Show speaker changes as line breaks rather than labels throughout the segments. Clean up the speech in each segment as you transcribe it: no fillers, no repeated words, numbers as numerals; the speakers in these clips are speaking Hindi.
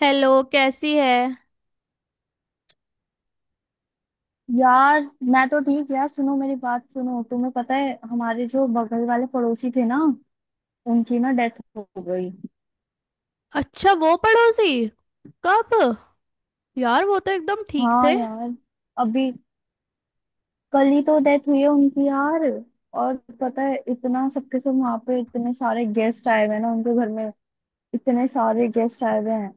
हेलो, कैसी है।
यार, मैं तो ठीक। यार सुनो, मेरी बात सुनो। तुम्हें पता है हमारे जो बगल वाले पड़ोसी थे ना, उनकी ना डेथ हो गई।
अच्छा, वो पड़ोसी? कब? यार वो तो एकदम ठीक
हाँ
थे।
यार, अभी कल ही तो डेथ हुई है उनकी यार। और पता है, इतना सबके सब वहां पे, इतने सारे गेस्ट आए हुए हैं ना उनके घर में। इतने सारे गेस्ट आए हुए हैं,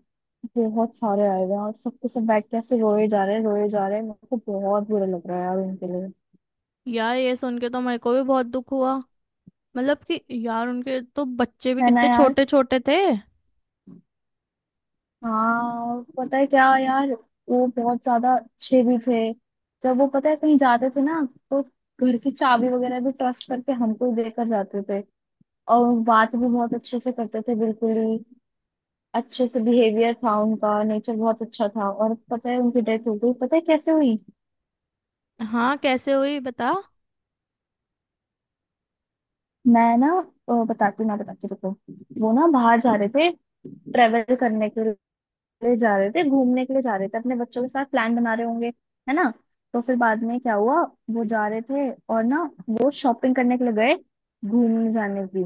बहुत सारे आए हुए हैं। और सबके सब बैठ के ऐसे रोए जा रहे हैं, रोए जा रहे हैं। मेरे को बहुत बुरा लग रहा है यार उनके लिए।
यार ये सुन के तो मेरे को भी बहुत दुख हुआ। मतलब कि यार उनके तो बच्चे भी
है ना
कितने
यार।
छोटे छोटे थे।
हाँ। और पता है क्या यार, वो बहुत ज्यादा अच्छे भी थे। जब वो पता है कहीं जाते थे ना, तो घर की चाबी वगैरह भी ट्रस्ट करके हमको ही देकर जाते थे। और बात भी बहुत अच्छे से करते थे, बिल्कुल ही अच्छे से। बिहेवियर था उनका, नेचर बहुत अच्छा था। और पता है, उनकी डेथ हो गई, पता है कैसे हुई?
हाँ कैसे हुई बता।
मैं ना बताती हूँ, मैं बताती हूँ। रुको। वो ना बाहर जा रहे थे, ट्रेवल करने के लिए जा रहे थे, घूमने के लिए जा रहे थे अपने बच्चों के साथ। प्लान बना रहे होंगे, है ना। तो फिर बाद में क्या हुआ, वो जा रहे थे और ना वो शॉपिंग करने के लिए गए, घूमने जाने की।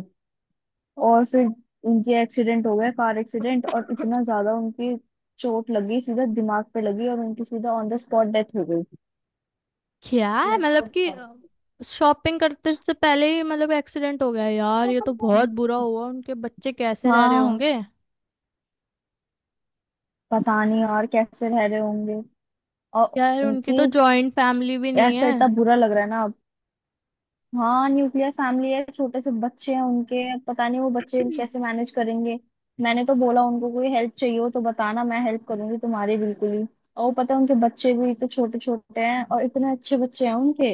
और फिर उनके एक्सीडेंट हो गया, कार एक्सीडेंट। और इतना ज्यादा उनकी चोट लगी, सीधा दिमाग पे लगी और उनकी सीधा ऑन द स्पॉट डेथ हो
क्या है, मतलब
गई।
कि शॉपिंग करते से पहले ही, मतलब एक्सीडेंट हो गया। यार ये तो बहुत बुरा हुआ। उनके बच्चे कैसे रह रहे
हाँ,
होंगे।
पता नहीं और कैसे रह रहे होंगे। और
यार उनकी
उनकी,
तो जॉइंट फैमिली भी नहीं
ऐसा
है।
इतना बुरा लग रहा है ना। हाँ, न्यूक्लियर फैमिली है, छोटे से बच्चे हैं उनके। पता नहीं वो बच्चे कैसे मैनेज करेंगे। मैंने तो बोला उनको, कोई हेल्प चाहिए हो तो बताना, मैं हेल्प करूंगी तुम्हारी, बिल्कुल ही। और वो पता है, उनके बच्चे भी तो छोटे छोटे हैं, और इतने अच्छे बच्चे हैं उनके।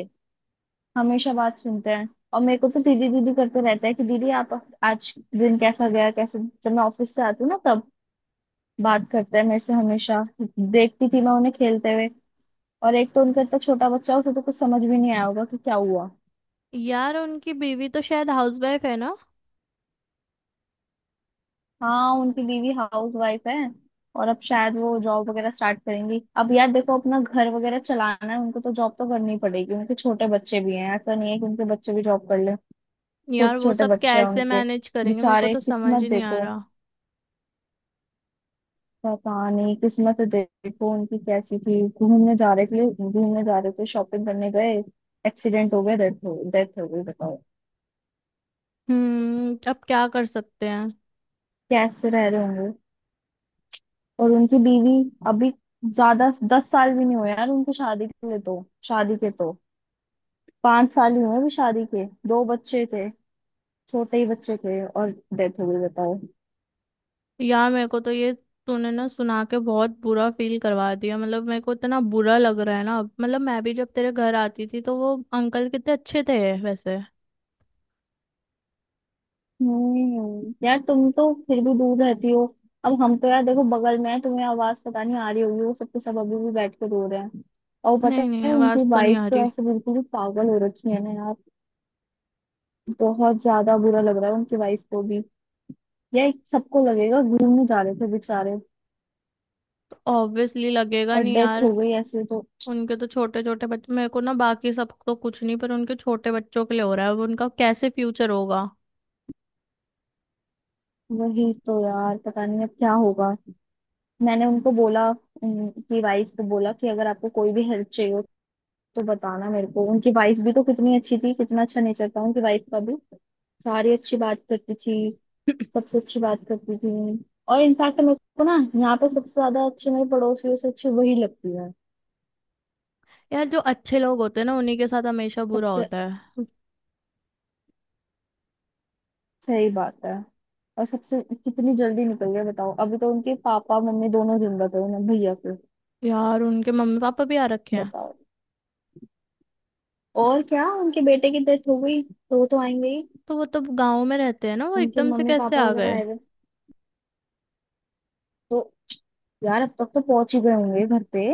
हमेशा बात सुनते हैं। और मेरे को तो दीदी दीदी करते रहता है कि दीदी आप आज दिन कैसा गया कैसे। जब मैं ऑफिस से आती हूँ ना, तब बात करते हैं मेरे से हमेशा। देखती थी मैं उन्हें खेलते हुए। और एक तो उनका इतना छोटा बच्चा है, उसे तो कुछ समझ भी नहीं आया होगा कि क्या हुआ।
यार उनकी बीवी तो शायद हाउसवाइफ है ना।
हाँ उनकी बीवी हाउस वाइफ है। और अब शायद वो जॉब वगैरह स्टार्ट करेंगी। अब यार देखो, अपना घर वगैरह चलाना है उनको, तो जॉब तो करनी पड़ेगी। उनके छोटे बच्चे भी हैं, ऐसा नहीं है कि उनके बच्चे भी जॉब कर ले।
यार
छोटे
वो
छोटे
सब
बच्चे हैं
कैसे
उनके
मैनेज करेंगे, मेरे को
बेचारे।
तो समझ ही
किस्मत
नहीं आ
देखो,
रहा।
पता नहीं किस्मत देखो उनकी कैसी थी। घूमने जा रहे थे, घूमने जा रहे थे, शॉपिंग करने गए, एक्सीडेंट हो गया, डेथ हो गई, बताओ।
हम्म, अब क्या कर सकते हैं।
कैसे रह रहे होंगे। और उनकी बीवी, अभी ज्यादा 10 साल भी नहीं हुए यार उनकी शादी के लिए तो। शादी के तो 5 साल ही हुए अभी शादी के। दो बच्चे थे, छोटे ही बच्चे थे, और डेथ हो गई, बताओ।
यार मेरे को तो ये, तूने ना सुना के बहुत बुरा फील करवा दिया। मतलब मेरे को इतना बुरा लग रहा है ना अब। मतलब मैं भी जब तेरे घर आती थी तो वो अंकल कितने अच्छे थे वैसे।
यार, तुम तो फिर भी दूर रहती हो। अब हम तो यार देखो बगल में है। तुम्हें आवाज पता नहीं आ रही होगी, वो सबके सब अभी भी बैठ के रो रहे हैं। और पता
नहीं नहीं,
है
आवाज
उनकी
तो नहीं
वाइफ
आ
तो
रही।
ऐसे बिल्कुल ही पागल हो रखी है ना यार। बहुत ज्यादा बुरा लग रहा है उनकी वाइफ को भी। यार सबको लगेगा, घूमने जा रहे थे बेचारे
ऑब्वियसली लगेगा
और
नहीं
डेथ
यार।
हो गई ऐसे तो।
उनके तो छोटे छोटे बच्चे, मेरे को ना बाकी सब तो कुछ नहीं पर उनके छोटे बच्चों के लिए हो रहा है। अब उनका कैसे फ्यूचर होगा।
वही तो यार, पता नहीं अब क्या होगा। मैंने उनको बोला, उनकी वाइफ को बोला कि अगर आपको कोई भी हेल्प चाहिए हो तो बताना मेरे को। उनकी वाइफ भी तो कितनी अच्छी थी, कितना अच्छा नेचर था उनकी वाइफ का भी। सारी अच्छी बात करती थी, सबसे अच्छी बात करती थी। और इनफैक्ट मेरे को ना, यहाँ पे सबसे ज्यादा अच्छी, मेरे पड़ोसियों से अच्छी वही लगती है
यार जो अच्छे लोग होते हैं ना, उन्हीं के साथ हमेशा बुरा
सबसे।
होता है।
सही बात है। और सबसे कितनी जल्दी निकल गए, बताओ। अभी तो उनके पापा मम्मी दोनों जिंदा थे उन्हें, भैया के।
यार उनके मम्मी पापा भी आ रखे हैं।
बताओ। और क्या, उनके बेटे की डेथ हो गई तो वो तो आएंगे ही।
तो वो तो गाँव में रहते हैं ना, वो
उनके
एकदम से
मम्मी
कैसे
पापा
आ
वगैरह
गए।
आए हुए, तो यार अब तक तो पहुंच ही गए होंगे घर पे।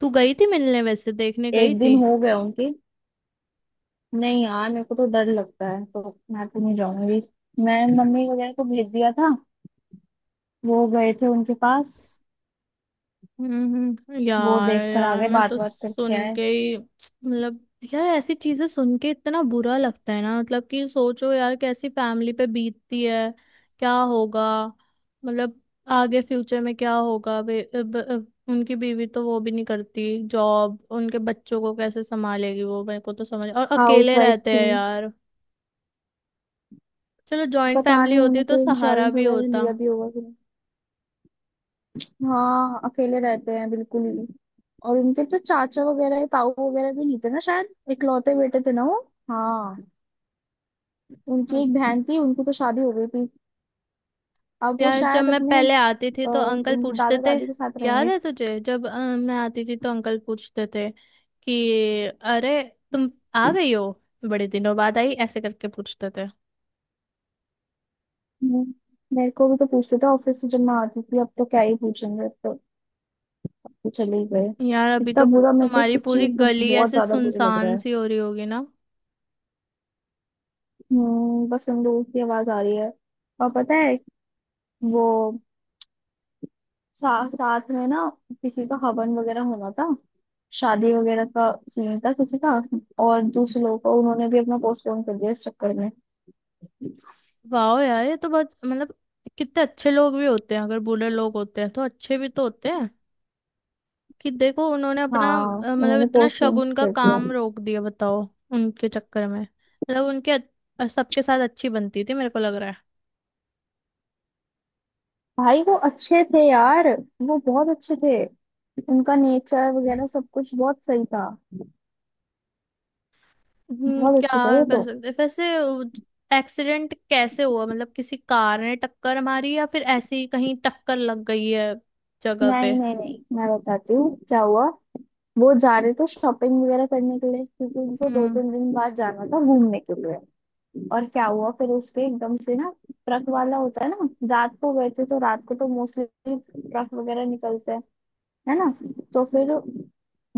तू गई थी मिलने? वैसे देखने गई
एक दिन
थी?
हो गया उनके। नहीं यार, मेरे को तो डर लगता है तो मैं तो नहीं जाऊंगी। मैं मम्मी वगैरह को भेज दिया था, वो गए थे उनके पास।
हम्म,
वो
यार,
देख कर आ
यार
गए,
मैं
बात
तो
बात करके
सुन
आए।
के ही, मतलब यार ऐसी चीजें सुन के इतना बुरा लगता है ना। मतलब कि सोचो यार कैसी फैमिली पे बीतती है। क्या होगा, मतलब आगे फ्यूचर में क्या होगा। उनकी बीवी तो वो भी नहीं करती जॉब, उनके बच्चों को कैसे संभालेगी वो। मेरे को तो समझ, और
हाउस
अकेले
वाइफ
रहते
थी।
हैं यार। चलो, जॉइंट
पता
फैमिली
नहीं
होती
उन्होंने
तो
कोई
सहारा
इंश्योरेंस
भी
वगैरह
होता।
लिया भी होगा कि नहीं। हाँ अकेले रहते हैं, बिल्कुल ही। और उनके तो चाचा वगैरह या ताऊ वगैरह भी नहीं थे ना, शायद इकलौते बेटे थे ना वो। हाँ, उनकी
हम्म।
एक बहन थी, उनकी तो शादी हो गई थी। अब वो
यार जब
शायद
मैं
अपने
पहले आती थी तो अंकल
उनके
पूछते
दादा
थे।
दादी के साथ
याद
रहेंगे।
है तुझे, जब मैं आती थी तो अंकल पूछते थे कि अरे तुम आ गई हो, बड़े दिनों बाद आई, ऐसे करके पूछते थे।
हम्म, मेरे को भी तो पूछते थे, ऑफिस से जब मैं आती थी। अब तो क्या ही पूछेंगे, अब तो वो चले ही गए।
यार अभी
इतना
तो
बुरा मेरे को,
तुम्हारी
सच्ची
पूरी
में
गली
बहुत
ऐसे
ज्यादा बुरा लग रहा
सुनसान
है।
सी हो रही होगी ना।
बस उन लोगों की आवाज आ रही है। और पता है, वो साथ में ना किसी का हवन वगैरह होना था, शादी वगैरह का सीन था किसी का। और दूसरे लोगों का, उन्होंने भी अपना पोस्टपोन कर दिया इस चक्कर में।
वाह यार, ये तो बहुत, मतलब कितने अच्छे लोग भी होते हैं। अगर बुरे लोग होते हैं तो अच्छे भी तो होते हैं। कि देखो उन्होंने अपना
हाँ
मतलब
उन्होंने
इतना
पोस्टपोन
शगुन का
कर दिया।
काम रोक दिया, बताओ। उनके चक्कर में, मतलब सबके साथ अच्छी बनती थी, मेरे को लग रहा है।
भाई वो अच्छे थे यार, वो बहुत अच्छे थे। उनका नेचर वगैरह सब कुछ बहुत सही था। बहुत अच्छे थे
क्या
वो
कर
तो।
सकते वैसे। एक्सीडेंट कैसे हुआ, मतलब किसी कार ने टक्कर मारी या फिर ऐसे ही कहीं टक्कर लग गई है जगह पे।
नहीं नहीं नहीं, मैं बताती हूँ क्या हुआ। वो जा रहे थे शॉपिंग वगैरह करने के लिए, क्योंकि उनको दो
हम्म।
तीन दिन बाद जाना था घूमने के लिए। और क्या हुआ, फिर उसके एकदम से ना ट्रक वाला होता है ना। रात को गए थे, तो रात को तो मोस्टली ट्रक वगैरह निकलते हैं, है ना। तो फिर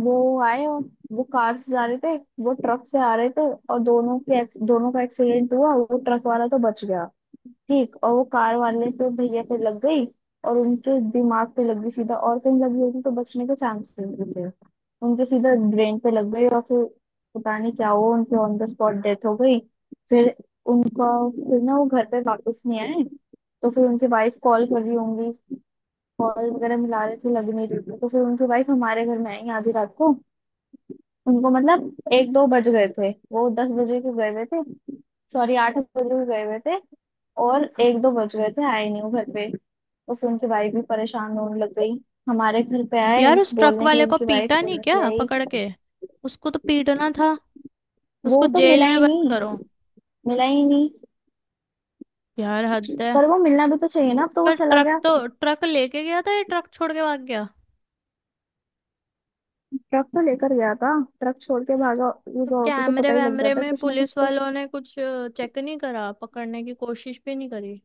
वो आए, और वो कार से जा रहे थे, वो ट्रक से आ रहे थे, और दोनों के दोनों का एक्सीडेंट हुआ। वो ट्रक वाला तो बच गया, ठीक। और वो कार वाले पे भैया पे लग गई, और उनके दिमाग पे लग गई सीधा। और कहीं लगी होती तो बचने के चांसेस नहीं थे। उनके सीधा ब्रेन पे लग गई और फिर पता नहीं क्या हुआ, उनकी ऑन द स्पॉट डेथ हो गई। फिर उनका फिर ना वो घर पे वापस नहीं आए। तो फिर उनकी वाइफ कॉल कर रही होंगी, बॉल वगैरह मिला रहे थे, लग नहीं रही थी। तो फिर उनकी वाइफ हमारे घर में आई आधी रात को। उनको मतलब 1-2 बज गए थे। वो 10 बजे के गए हुए थे, सॉरी 8 बजे के गए हुए थे, और 1-2 बज गए थे, आए नहीं वो घर पे। तो फिर उनकी वाइफ भी परेशान होने लग गई, हमारे घर पे आए।
यार उस ट्रक
बोलने के लिए,
वाले को
उनकी वाइफ
पीटा नहीं
बोलने के लिए
क्या
आई।
पकड़ के। उसको तो पीटना था। उसको
वो तो
जेल
मिला
में
ही
बंद
नहीं,
करो।
मिला ही नहीं।
यार हद है।
पर वो मिलना भी तो चाहिए ना, अब तो वो
पर
चला
ट्रक
गया।
तो ट्रक लेके गया था या ट्रक छोड़ के भाग गया?
ट्रक तो लेकर गया था। ट्रक छोड़ के भागा वो
तो
होता तो
कैमरे
पता ही लग
वैमरे
जाता है
में
कुछ ना
पुलिस
कुछ तो।
वालों ने कुछ चेक नहीं करा, पकड़ने की कोशिश भी नहीं करी?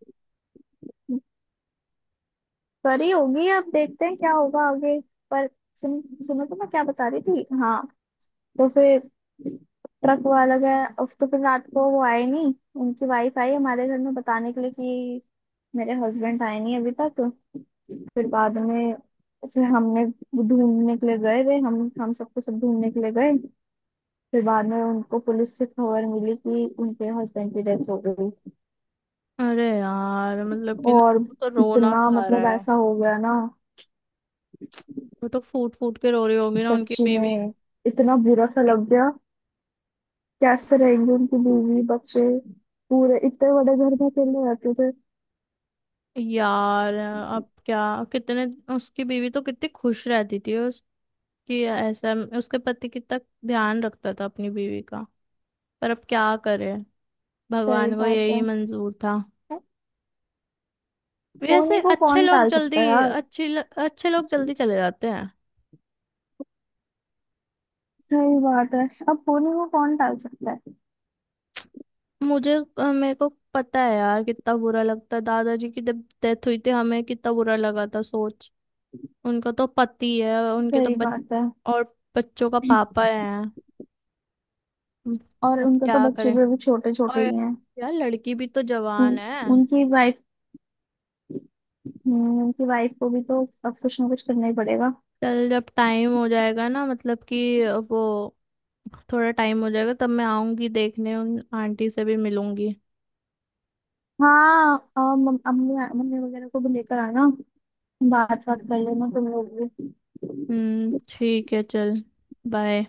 करी होगी, अब देखते हैं क्या होगा आगे। पर सुन सुनो तो, मैं क्या बता रही थी, हाँ। तो फिर ट्रक वाला गया, अब तो फिर रात को वो आए नहीं। उनकी वाइफ आई हमारे घर में बताने के लिए कि मेरे हस्बैंड आए नहीं अभी तक। फिर बाद में, फिर हमने ढूंढने के लिए गए वे हम सबको सब ढूंढने के लिए गए। फिर बाद में उनको पुलिस से खबर मिली कि उनके हस्बैंड की डेथ हो गई।
अरे यार, मतलब कि ना
और
वो तो रोना सा
इतना
आ
मतलब
रहा है।
ऐसा हो गया ना,
वो तो फूट फूट के रो रही होगी ना उनकी
सच्ची
बीवी।
में। इतना बुरा सा लग गया। कैसे रहेंगे उनकी बीवी बच्चे, पूरे इतने बड़े घर में अकेले रहते थे।
यार अब क्या, कितने, उसकी बीवी तो कितनी खुश रहती थी उसकी, ऐसा, उसके पति कितना ध्यान रखता था अपनी बीवी का। पर अब क्या करे,
सही
भगवान को
बात
यही
है,
मंजूर था। वैसे
होनी को
अच्छे
कौन
लोग
टाल
जल्दी,
सकता है यार।
अच्छे अच्छे लोग जल्दी चले जाते हैं।
सही बात है, अब होनी को कौन टाल सकता है।
मेरे को पता है यार कितना बुरा लगता है। दादाजी की जब डेथ हुई थी, हमें कितना बुरा लगा था, सोच। उनका तो पति है, उनके तो
सही
बच,
बात है।
और बच्चों का पापा है। हम्म,
और
अब
उनके तो
क्या
बच्चे
करें।
भी अभी छोटे छोटे
और
ही हैं।
यार लड़की भी तो जवान
उन,
है।
उनकी वाइफ उनकी वाइफ को भी तो अब कुछ ना कुछ करना ही पड़ेगा।
चल, जब टाइम हो जाएगा ना, मतलब कि वो थोड़ा टाइम हो जाएगा तब मैं आऊंगी देखने, उन आंटी से भी मिलूंगी।
हाँ, और अम्मी मम्मी वगैरह को भी लेकर आना। बात बात कर लेना तुम लोग भी।
हम्म, ठीक है, चल, बाय।